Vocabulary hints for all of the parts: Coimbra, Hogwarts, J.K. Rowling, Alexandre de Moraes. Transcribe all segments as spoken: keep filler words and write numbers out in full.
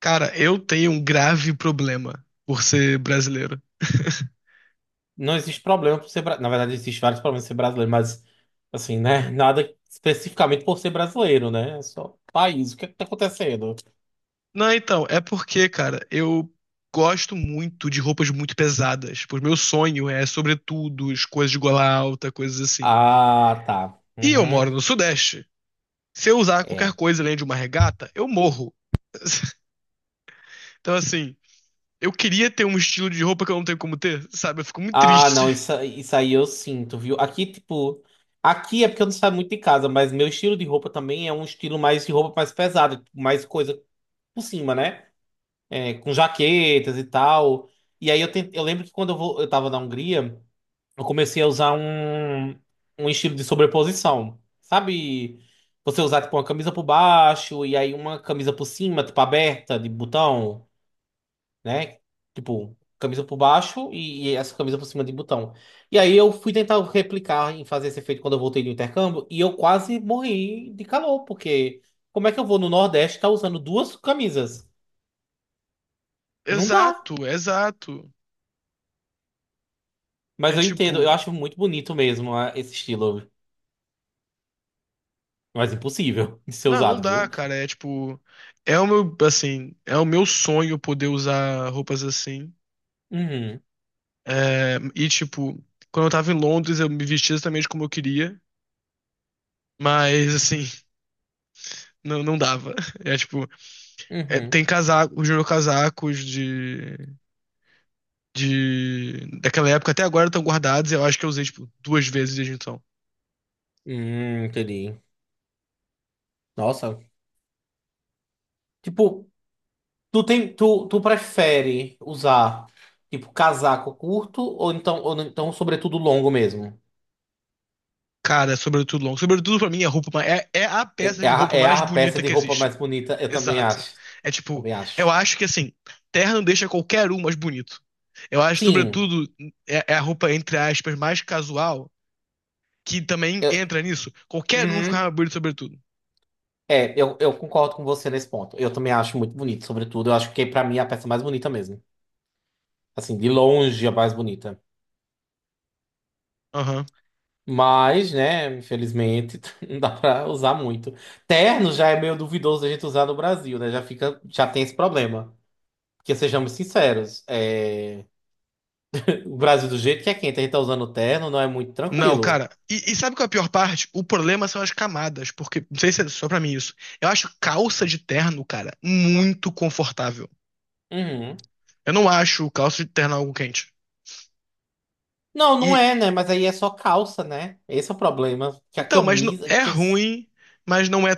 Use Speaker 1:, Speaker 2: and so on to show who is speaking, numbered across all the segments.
Speaker 1: Cara, eu tenho um grave problema por ser brasileiro.
Speaker 2: Não existe problema por ser brasileiro. Na verdade, existe vários problemas por ser brasileiro, mas assim, né? Nada especificamente por ser brasileiro, né? É só país. O que é que tá acontecendo?
Speaker 1: Não, então, é porque, cara, eu gosto muito de roupas muito pesadas. Pois meu sonho é, sobretudo, as coisas de gola alta, coisas assim.
Speaker 2: Ah, tá.
Speaker 1: E eu
Speaker 2: Uhum.
Speaker 1: moro no Sudeste. Se eu usar qualquer
Speaker 2: É.
Speaker 1: coisa além de uma regata, eu morro. Então, assim, eu queria ter um estilo de roupa que eu não tenho como ter, sabe? Eu fico muito
Speaker 2: Ah,
Speaker 1: triste.
Speaker 2: não, isso, isso aí eu sinto, viu? Aqui, tipo. Aqui é porque eu não saio muito de casa, mas meu estilo de roupa também é um estilo mais de roupa mais pesada, tipo, mais coisa por cima, né? É, com jaquetas e tal. E aí eu, tentei, eu lembro que quando eu, vou, eu tava na Hungria. Eu comecei a usar um, um estilo de sobreposição. Sabe? Você usar, tipo, uma camisa por baixo e aí uma camisa por cima, tipo, aberta, de botão, né? Tipo, camisa por baixo e, e essa camisa por cima de botão. E aí eu fui tentar replicar em fazer esse efeito quando eu voltei do intercâmbio e eu quase morri de calor, porque como é que eu vou no Nordeste estar usando duas camisas? Não dá.
Speaker 1: Exato, exato. É
Speaker 2: Mas eu entendo, eu
Speaker 1: tipo.
Speaker 2: acho muito bonito mesmo ah, esse estilo. Mas impossível de ser
Speaker 1: Não, não
Speaker 2: usado,
Speaker 1: dá,
Speaker 2: viu?
Speaker 1: cara. É tipo, é o meu, assim, é o meu sonho poder usar roupas assim.
Speaker 2: Uhum.
Speaker 1: É, e tipo, quando eu tava em Londres, eu me vestia exatamente como eu queria, mas assim, não, não dava. É tipo, é,
Speaker 2: Uhum.
Speaker 1: tem casaco, os meus casacos de, de daquela época até agora estão guardados. Eu acho que eu usei tipo duas vezes desde então.
Speaker 2: Hum, entendi. Nossa. Tipo, tu tem, tu, tu prefere usar, tipo, casaco curto ou então, ou então sobretudo longo mesmo?
Speaker 1: Cara, é sobretudo longo. Sobretudo pra mim é a roupa, ma- é, é a
Speaker 2: É,
Speaker 1: peça
Speaker 2: é
Speaker 1: de
Speaker 2: a,
Speaker 1: roupa
Speaker 2: é
Speaker 1: mais
Speaker 2: a peça
Speaker 1: bonita
Speaker 2: de
Speaker 1: que
Speaker 2: roupa
Speaker 1: existe.
Speaker 2: mais bonita, eu também
Speaker 1: Exato.
Speaker 2: acho.
Speaker 1: É tipo,
Speaker 2: Também
Speaker 1: eu
Speaker 2: acho.
Speaker 1: acho que assim, terra não deixa qualquer um mais bonito. Eu acho,
Speaker 2: Sim.
Speaker 1: sobretudo, é, é a roupa, entre aspas, mais casual, que também
Speaker 2: Eu,
Speaker 1: entra nisso. Qualquer um fica
Speaker 2: uhum.
Speaker 1: mais bonito, sobretudo.
Speaker 2: É, eu, eu concordo com você nesse ponto. Eu também acho muito bonito, sobretudo. Eu acho que pra mim é a peça mais bonita mesmo. Assim, de longe é a mais bonita.
Speaker 1: Aham.
Speaker 2: Mas, né, infelizmente, não dá pra usar muito. Terno já é meio duvidoso da gente usar no Brasil, né? Já fica, já tem esse problema. Porque sejamos sinceros, é, o Brasil do jeito que é quente, a gente tá usando terno, não é muito
Speaker 1: Não,
Speaker 2: tranquilo.
Speaker 1: cara. E, e sabe qual é a pior parte? O problema são as camadas, porque, não sei se é só pra mim isso. Eu acho calça de terno, cara, muito confortável.
Speaker 2: Uhum.
Speaker 1: Eu não acho calça de terno algo quente.
Speaker 2: Não, não
Speaker 1: E,
Speaker 2: é, né? Mas aí é só calça, né? Esse é o problema. Que a
Speaker 1: então, mas não-
Speaker 2: camisa.
Speaker 1: é
Speaker 2: Que as-
Speaker 1: ruim, mas não é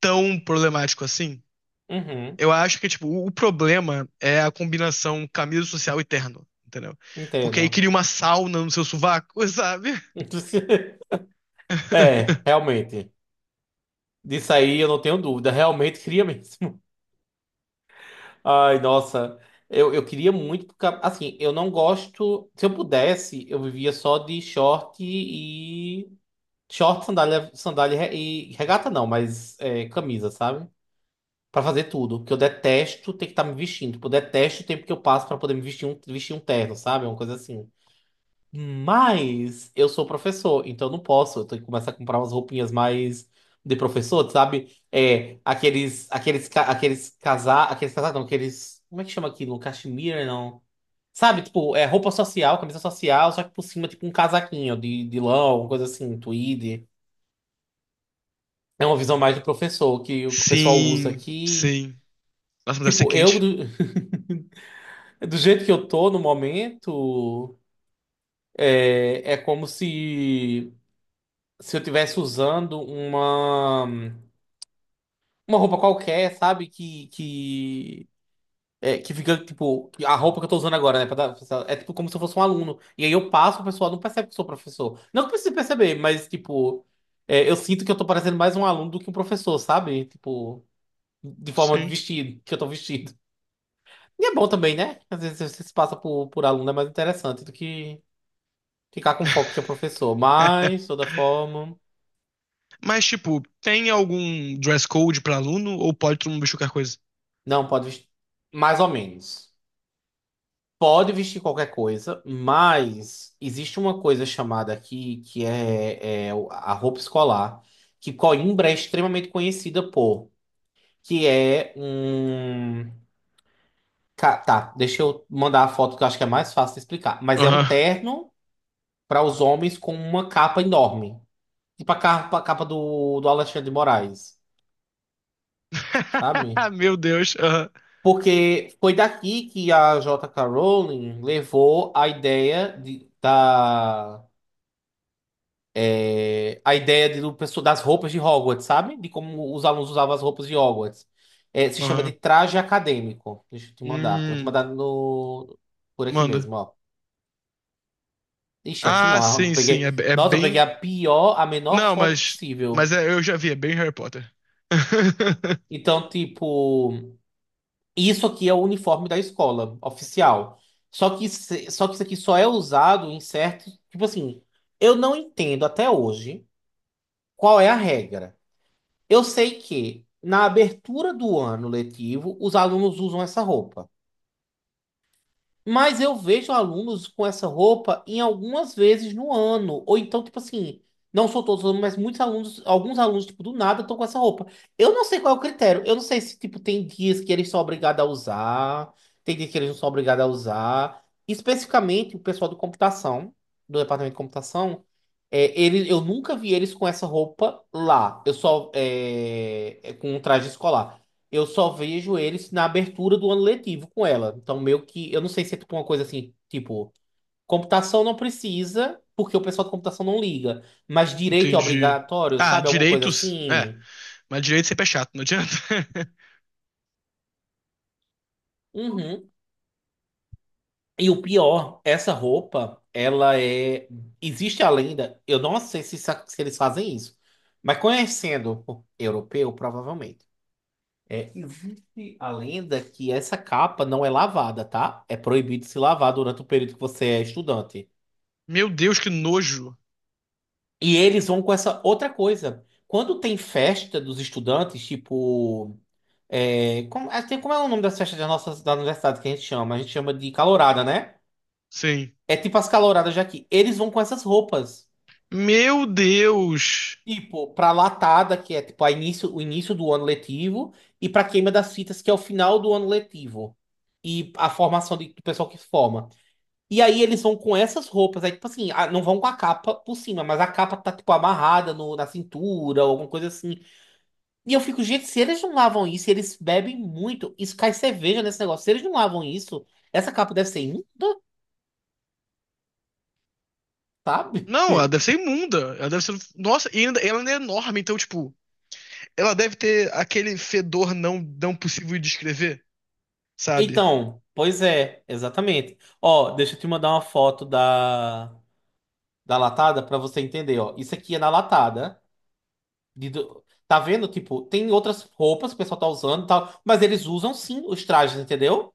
Speaker 1: tão problemático assim.
Speaker 2: Uhum.
Speaker 1: Eu acho que, tipo, o o problema é a combinação camisa social e terno, entendeu? Porque aí cria
Speaker 2: Entendo.
Speaker 1: uma sauna no seu sovaco, sabe?
Speaker 2: É, realmente. Disso aí eu não tenho dúvida. Realmente cria mesmo. Ai, nossa, eu, eu queria muito, porque, assim, eu não gosto. Se eu pudesse, eu vivia só de short e. Short, sandália, sandália e regata não, mas é, camisa, sabe? Pra fazer tudo, porque eu detesto ter que estar me vestindo. Tipo, eu detesto o tempo que eu passo pra poder me vestir um, vestir um, terno, sabe? Uma coisa assim. Mas eu sou professor, então eu não posso. Eu tenho que começar a comprar umas roupinhas mais de professor, sabe? É, aqueles, aqueles, ca- aqueles casar, aqueles casar, não, aqueles, como é que chama aquilo? Cachemira, não. Sabe, tipo, é roupa social, camisa social, só que por cima, tipo, um casaquinho de, de lã, alguma coisa assim, um tweed. É uma visão mais do professor, que o que o pessoal usa
Speaker 1: Sim,
Speaker 2: aqui.
Speaker 1: sim. Nossa, mas deve ser
Speaker 2: Tipo, eu,
Speaker 1: quente.
Speaker 2: do, do jeito que eu tô no momento, é, é como se. Se eu tivesse usando uma uma roupa qualquer, sabe? Que que é, que fica tipo a roupa que eu tô usando agora, né? Pra dar- pra- é tipo como se eu fosse um aluno. E aí eu passo, o pessoal não percebe que eu sou professor. Não que precise perceber, mas tipo é, eu sinto que eu tô parecendo mais um aluno do que um professor, sabe? Tipo de forma de
Speaker 1: Sim.
Speaker 2: vestido, que eu tô vestido. E é bom também, né? Às vezes você se passa por, por aluno é mais interessante do que ficar com foco que é professor. Mas, de toda forma,
Speaker 1: Mas, tipo, tem algum dress code pra aluno ou pode todo mundo vestir qualquer coisa?
Speaker 2: não pode vestir mais ou menos. Pode vestir qualquer coisa, mas existe uma coisa chamada aqui que é, é o- a roupa escolar, que Coimbra é extremamente conhecida por, que é um. Ca- Tá, deixa eu mandar a foto que eu acho que é mais fácil de explicar. Mas é um
Speaker 1: Aham.
Speaker 2: terno para os homens com uma capa enorme. Tipo a capa, a capa do, do Alexandre de Moraes, sabe?
Speaker 1: Meu Deus. Aham.
Speaker 2: Porque foi daqui que a J K. Rowling levou a ideia de, da. É, a ideia de- do, pessoa- das roupas de Hogwarts, sabe? De como os alunos usavam as roupas de Hogwarts. É, se chama de
Speaker 1: Aham.
Speaker 2: traje acadêmico. Deixa eu te mandar. Eu vou te
Speaker 1: Hum,
Speaker 2: mandar no, por aqui
Speaker 1: manda.
Speaker 2: mesmo, ó. Ixi, é assim
Speaker 1: Ah,
Speaker 2: não. Eu
Speaker 1: sim, sim. É,
Speaker 2: peguei,
Speaker 1: é
Speaker 2: nossa, eu peguei
Speaker 1: bem.
Speaker 2: a pior, a menor
Speaker 1: Não,
Speaker 2: foto
Speaker 1: mas. Mas
Speaker 2: possível.
Speaker 1: é- eu já vi, é bem Harry Potter.
Speaker 2: Então, tipo, isso aqui é o uniforme da escola oficial. Só que, se- só que isso aqui só é usado em certos. Tipo assim, eu não entendo até hoje qual é a regra. Eu sei que na abertura do ano letivo, os alunos usam essa roupa. Mas eu vejo alunos com essa roupa em algumas vezes no ano. Ou então, tipo assim, não sou todos, os alunos, mas muitos alunos, alguns alunos, tipo, do nada estão com essa roupa. Eu não sei qual é o critério. Eu não sei se, tipo, tem dias que eles são obrigados a usar, tem dias que eles não são obrigados a usar. Especificamente, o pessoal do computação, do departamento de computação, é, ele, eu nunca vi eles com essa roupa lá. Eu só, é, é, com um traje escolar. Eu só vejo eles na abertura do ano letivo com ela. Então, meio que. Eu não sei se é tipo uma coisa assim, tipo, computação não precisa, porque o pessoal de computação não liga. Mas direito é
Speaker 1: Entendi.
Speaker 2: obrigatório,
Speaker 1: Ah,
Speaker 2: sabe? Alguma coisa
Speaker 1: direitos? É,
Speaker 2: assim.
Speaker 1: mas direito sempre é chato, não adianta.
Speaker 2: Uhum. E o pior, essa roupa, ela é. Existe a lenda. Eu não sei se, sa- se eles fazem isso. Mas conhecendo o europeu, provavelmente. É, existe a lenda que essa capa não é lavada, tá? É proibido se lavar durante o período que você é estudante.
Speaker 1: Meu Deus, que nojo.
Speaker 2: E eles vão com essa outra coisa. Quando tem festa dos estudantes, tipo. É, como, é, tem- como é o nome das festas da nossa da universidade que a gente chama? A gente chama de calourada, né?
Speaker 1: Sim.
Speaker 2: É tipo as calouradas daqui. Eles vão com essas roupas.
Speaker 1: Meu Deus.
Speaker 2: Tipo, pra latada, que é tipo a início, o início do ano letivo, e pra queima das fitas, que é o final do ano letivo. E a formação de- do pessoal que se forma. E aí eles vão com essas roupas. Aí, tipo assim, ah, não vão com a capa por cima, mas a capa tá, tipo, amarrada no, na cintura, ou alguma coisa assim. E eu fico, gente, se eles não lavam isso, eles bebem muito, isso cai cerveja nesse negócio. Se eles não lavam isso, essa capa deve ser imunda, sabe?
Speaker 1: Não, ela deve ser imunda. Ela deve ser. Nossa, e ainda, ela ainda é enorme, então, tipo, ela deve ter aquele fedor não, não possível de descrever, sabe?
Speaker 2: Então, pois é, exatamente. Ó, deixa eu te mandar uma foto da, da latada pra você entender, ó. Isso aqui é na latada. De do- tá vendo? Tipo, tem outras roupas que o pessoal tá usando e tal, mas eles usam sim os trajes, entendeu?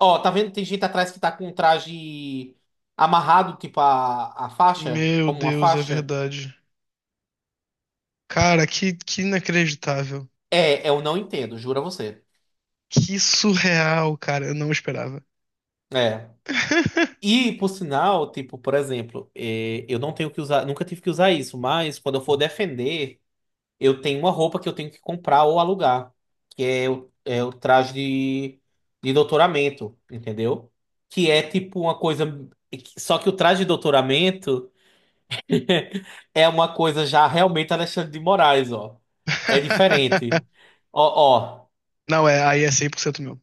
Speaker 2: Ó, tá vendo? Tem gente atrás que tá com um traje amarrado, tipo a, a faixa,
Speaker 1: Meu
Speaker 2: como uma
Speaker 1: Deus, é
Speaker 2: faixa.
Speaker 1: verdade. Cara, que, que inacreditável.
Speaker 2: É, eu não entendo, juro a você.
Speaker 1: Que surreal, cara. Eu não esperava.
Speaker 2: É. E, por sinal, tipo, por exemplo, é, eu não tenho que usar, nunca tive que usar isso, mas quando eu for defender, eu tenho uma roupa que eu tenho que comprar ou alugar, que é o, é o traje de, de doutoramento, entendeu? Que é tipo uma coisa. Só que o traje de doutoramento é uma coisa já realmente Alexandre de Moraes, ó. É diferente. Ó, ó.
Speaker 1: Não, é, aí é cem por cento meu.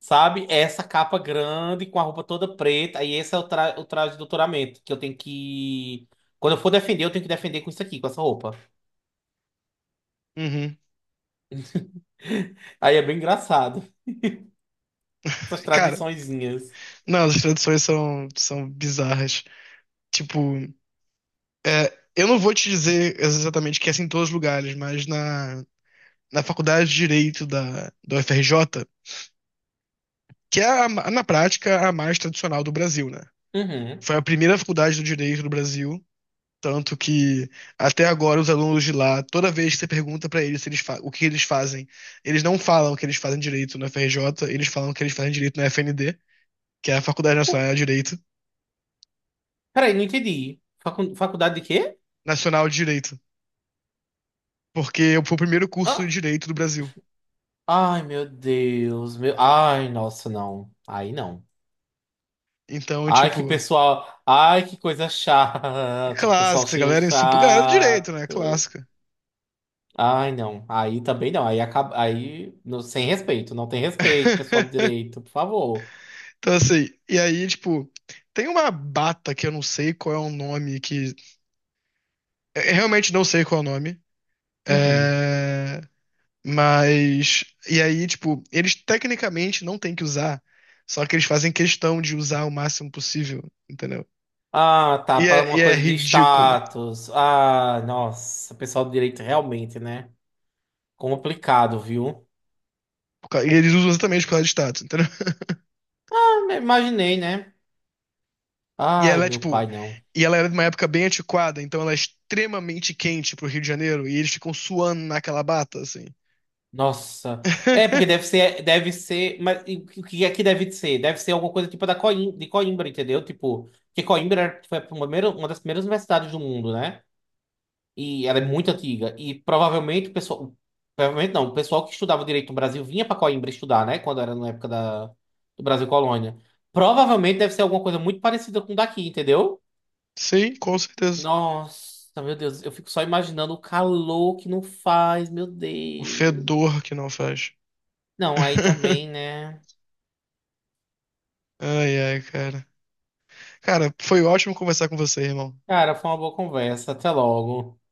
Speaker 2: Sabe? Essa capa grande, com a roupa toda preta. Aí esse é o, tra o traje de doutoramento, que eu tenho que. Quando eu for defender, eu tenho que defender com isso aqui, com essa roupa.
Speaker 1: Uhum.
Speaker 2: Aí é bem engraçado. Essas
Speaker 1: Cara,
Speaker 2: tradiçõezinhas.
Speaker 1: não, as traduções são, são bizarras. Tipo, é, eu não vou te dizer exatamente que é assim em todos os lugares, mas na, na Faculdade de Direito da, do F R J, que é, a ma- na prática, a mais tradicional do Brasil, né?
Speaker 2: Uhum.
Speaker 1: Foi a primeira faculdade do direito do Brasil, tanto que até agora os alunos de lá, toda vez que você pergunta pra eles, se eles fa- o que eles fazem, eles não falam que eles fazem direito na F R J, eles falam que eles fazem direito na F N D, que é a Faculdade Nacional de Direito,
Speaker 2: Peraí, não entendi. Facu- faculdade de quê?
Speaker 1: Nacional de Direito. Porque eu fui o primeiro curso de
Speaker 2: Ah,
Speaker 1: direito do Brasil.
Speaker 2: ai, meu Deus. Meu... Ai, nossa, não. Aí não.
Speaker 1: Então,
Speaker 2: Ai, que
Speaker 1: tipo,
Speaker 2: pessoal. Ai, que coisa
Speaker 1: é
Speaker 2: chata. Que pessoal
Speaker 1: clássico, essa
Speaker 2: cheio
Speaker 1: galera é super. Galera do direito, né?
Speaker 2: chato.
Speaker 1: Clássica.
Speaker 2: Ai, não. Aí também não. Aí acaba. Aí. Não- sem respeito. Não tem respeito, pessoal do direito, por favor.
Speaker 1: Então, assim, e aí, tipo, tem uma bata que eu não sei qual é o nome, que. Eu realmente não sei qual é o nome.
Speaker 2: Uhum.
Speaker 1: É, mas. E aí, tipo, eles tecnicamente não têm que usar, só que eles fazem questão de usar o máximo possível, entendeu?
Speaker 2: Ah, tá.
Speaker 1: E
Speaker 2: Para
Speaker 1: é, e
Speaker 2: uma
Speaker 1: é
Speaker 2: coisa de
Speaker 1: ridículo.
Speaker 2: status. Ah, nossa. Pessoal do direito realmente, né? Complicado, viu?
Speaker 1: Por causa- E eles usam exatamente por causa de status, entendeu?
Speaker 2: Ah, imaginei, né?
Speaker 1: E
Speaker 2: Ai,
Speaker 1: ela é
Speaker 2: meu
Speaker 1: tipo.
Speaker 2: pai, não.
Speaker 1: E ela era de uma época bem antiquada, então ela é extremamente quente pro Rio de Janeiro e eles ficam suando naquela bata, assim.
Speaker 2: Nossa. É, porque deve ser. Deve ser. Mas e o que o que é que deve ser? Deve ser alguma coisa tipo da Coim, de Coimbra, entendeu? Tipo, que Coimbra foi a primeira, uma das primeiras universidades do mundo, né? E ela é muito antiga. E provavelmente o pessoal. Provavelmente não, o pessoal que estudava direito no Brasil vinha para Coimbra estudar, né? Quando era na época da, do Brasil Colônia. Provavelmente deve ser alguma coisa muito parecida com o daqui, entendeu?
Speaker 1: Sim, com certeza.
Speaker 2: Nossa, meu Deus, eu fico só imaginando o calor que não faz, meu
Speaker 1: O
Speaker 2: Deus.
Speaker 1: fedor que não faz.
Speaker 2: Não, aí também, né?
Speaker 1: Ai, ai, cara. Cara, foi ótimo conversar com você, irmão.
Speaker 2: Cara, foi uma boa conversa. Até logo.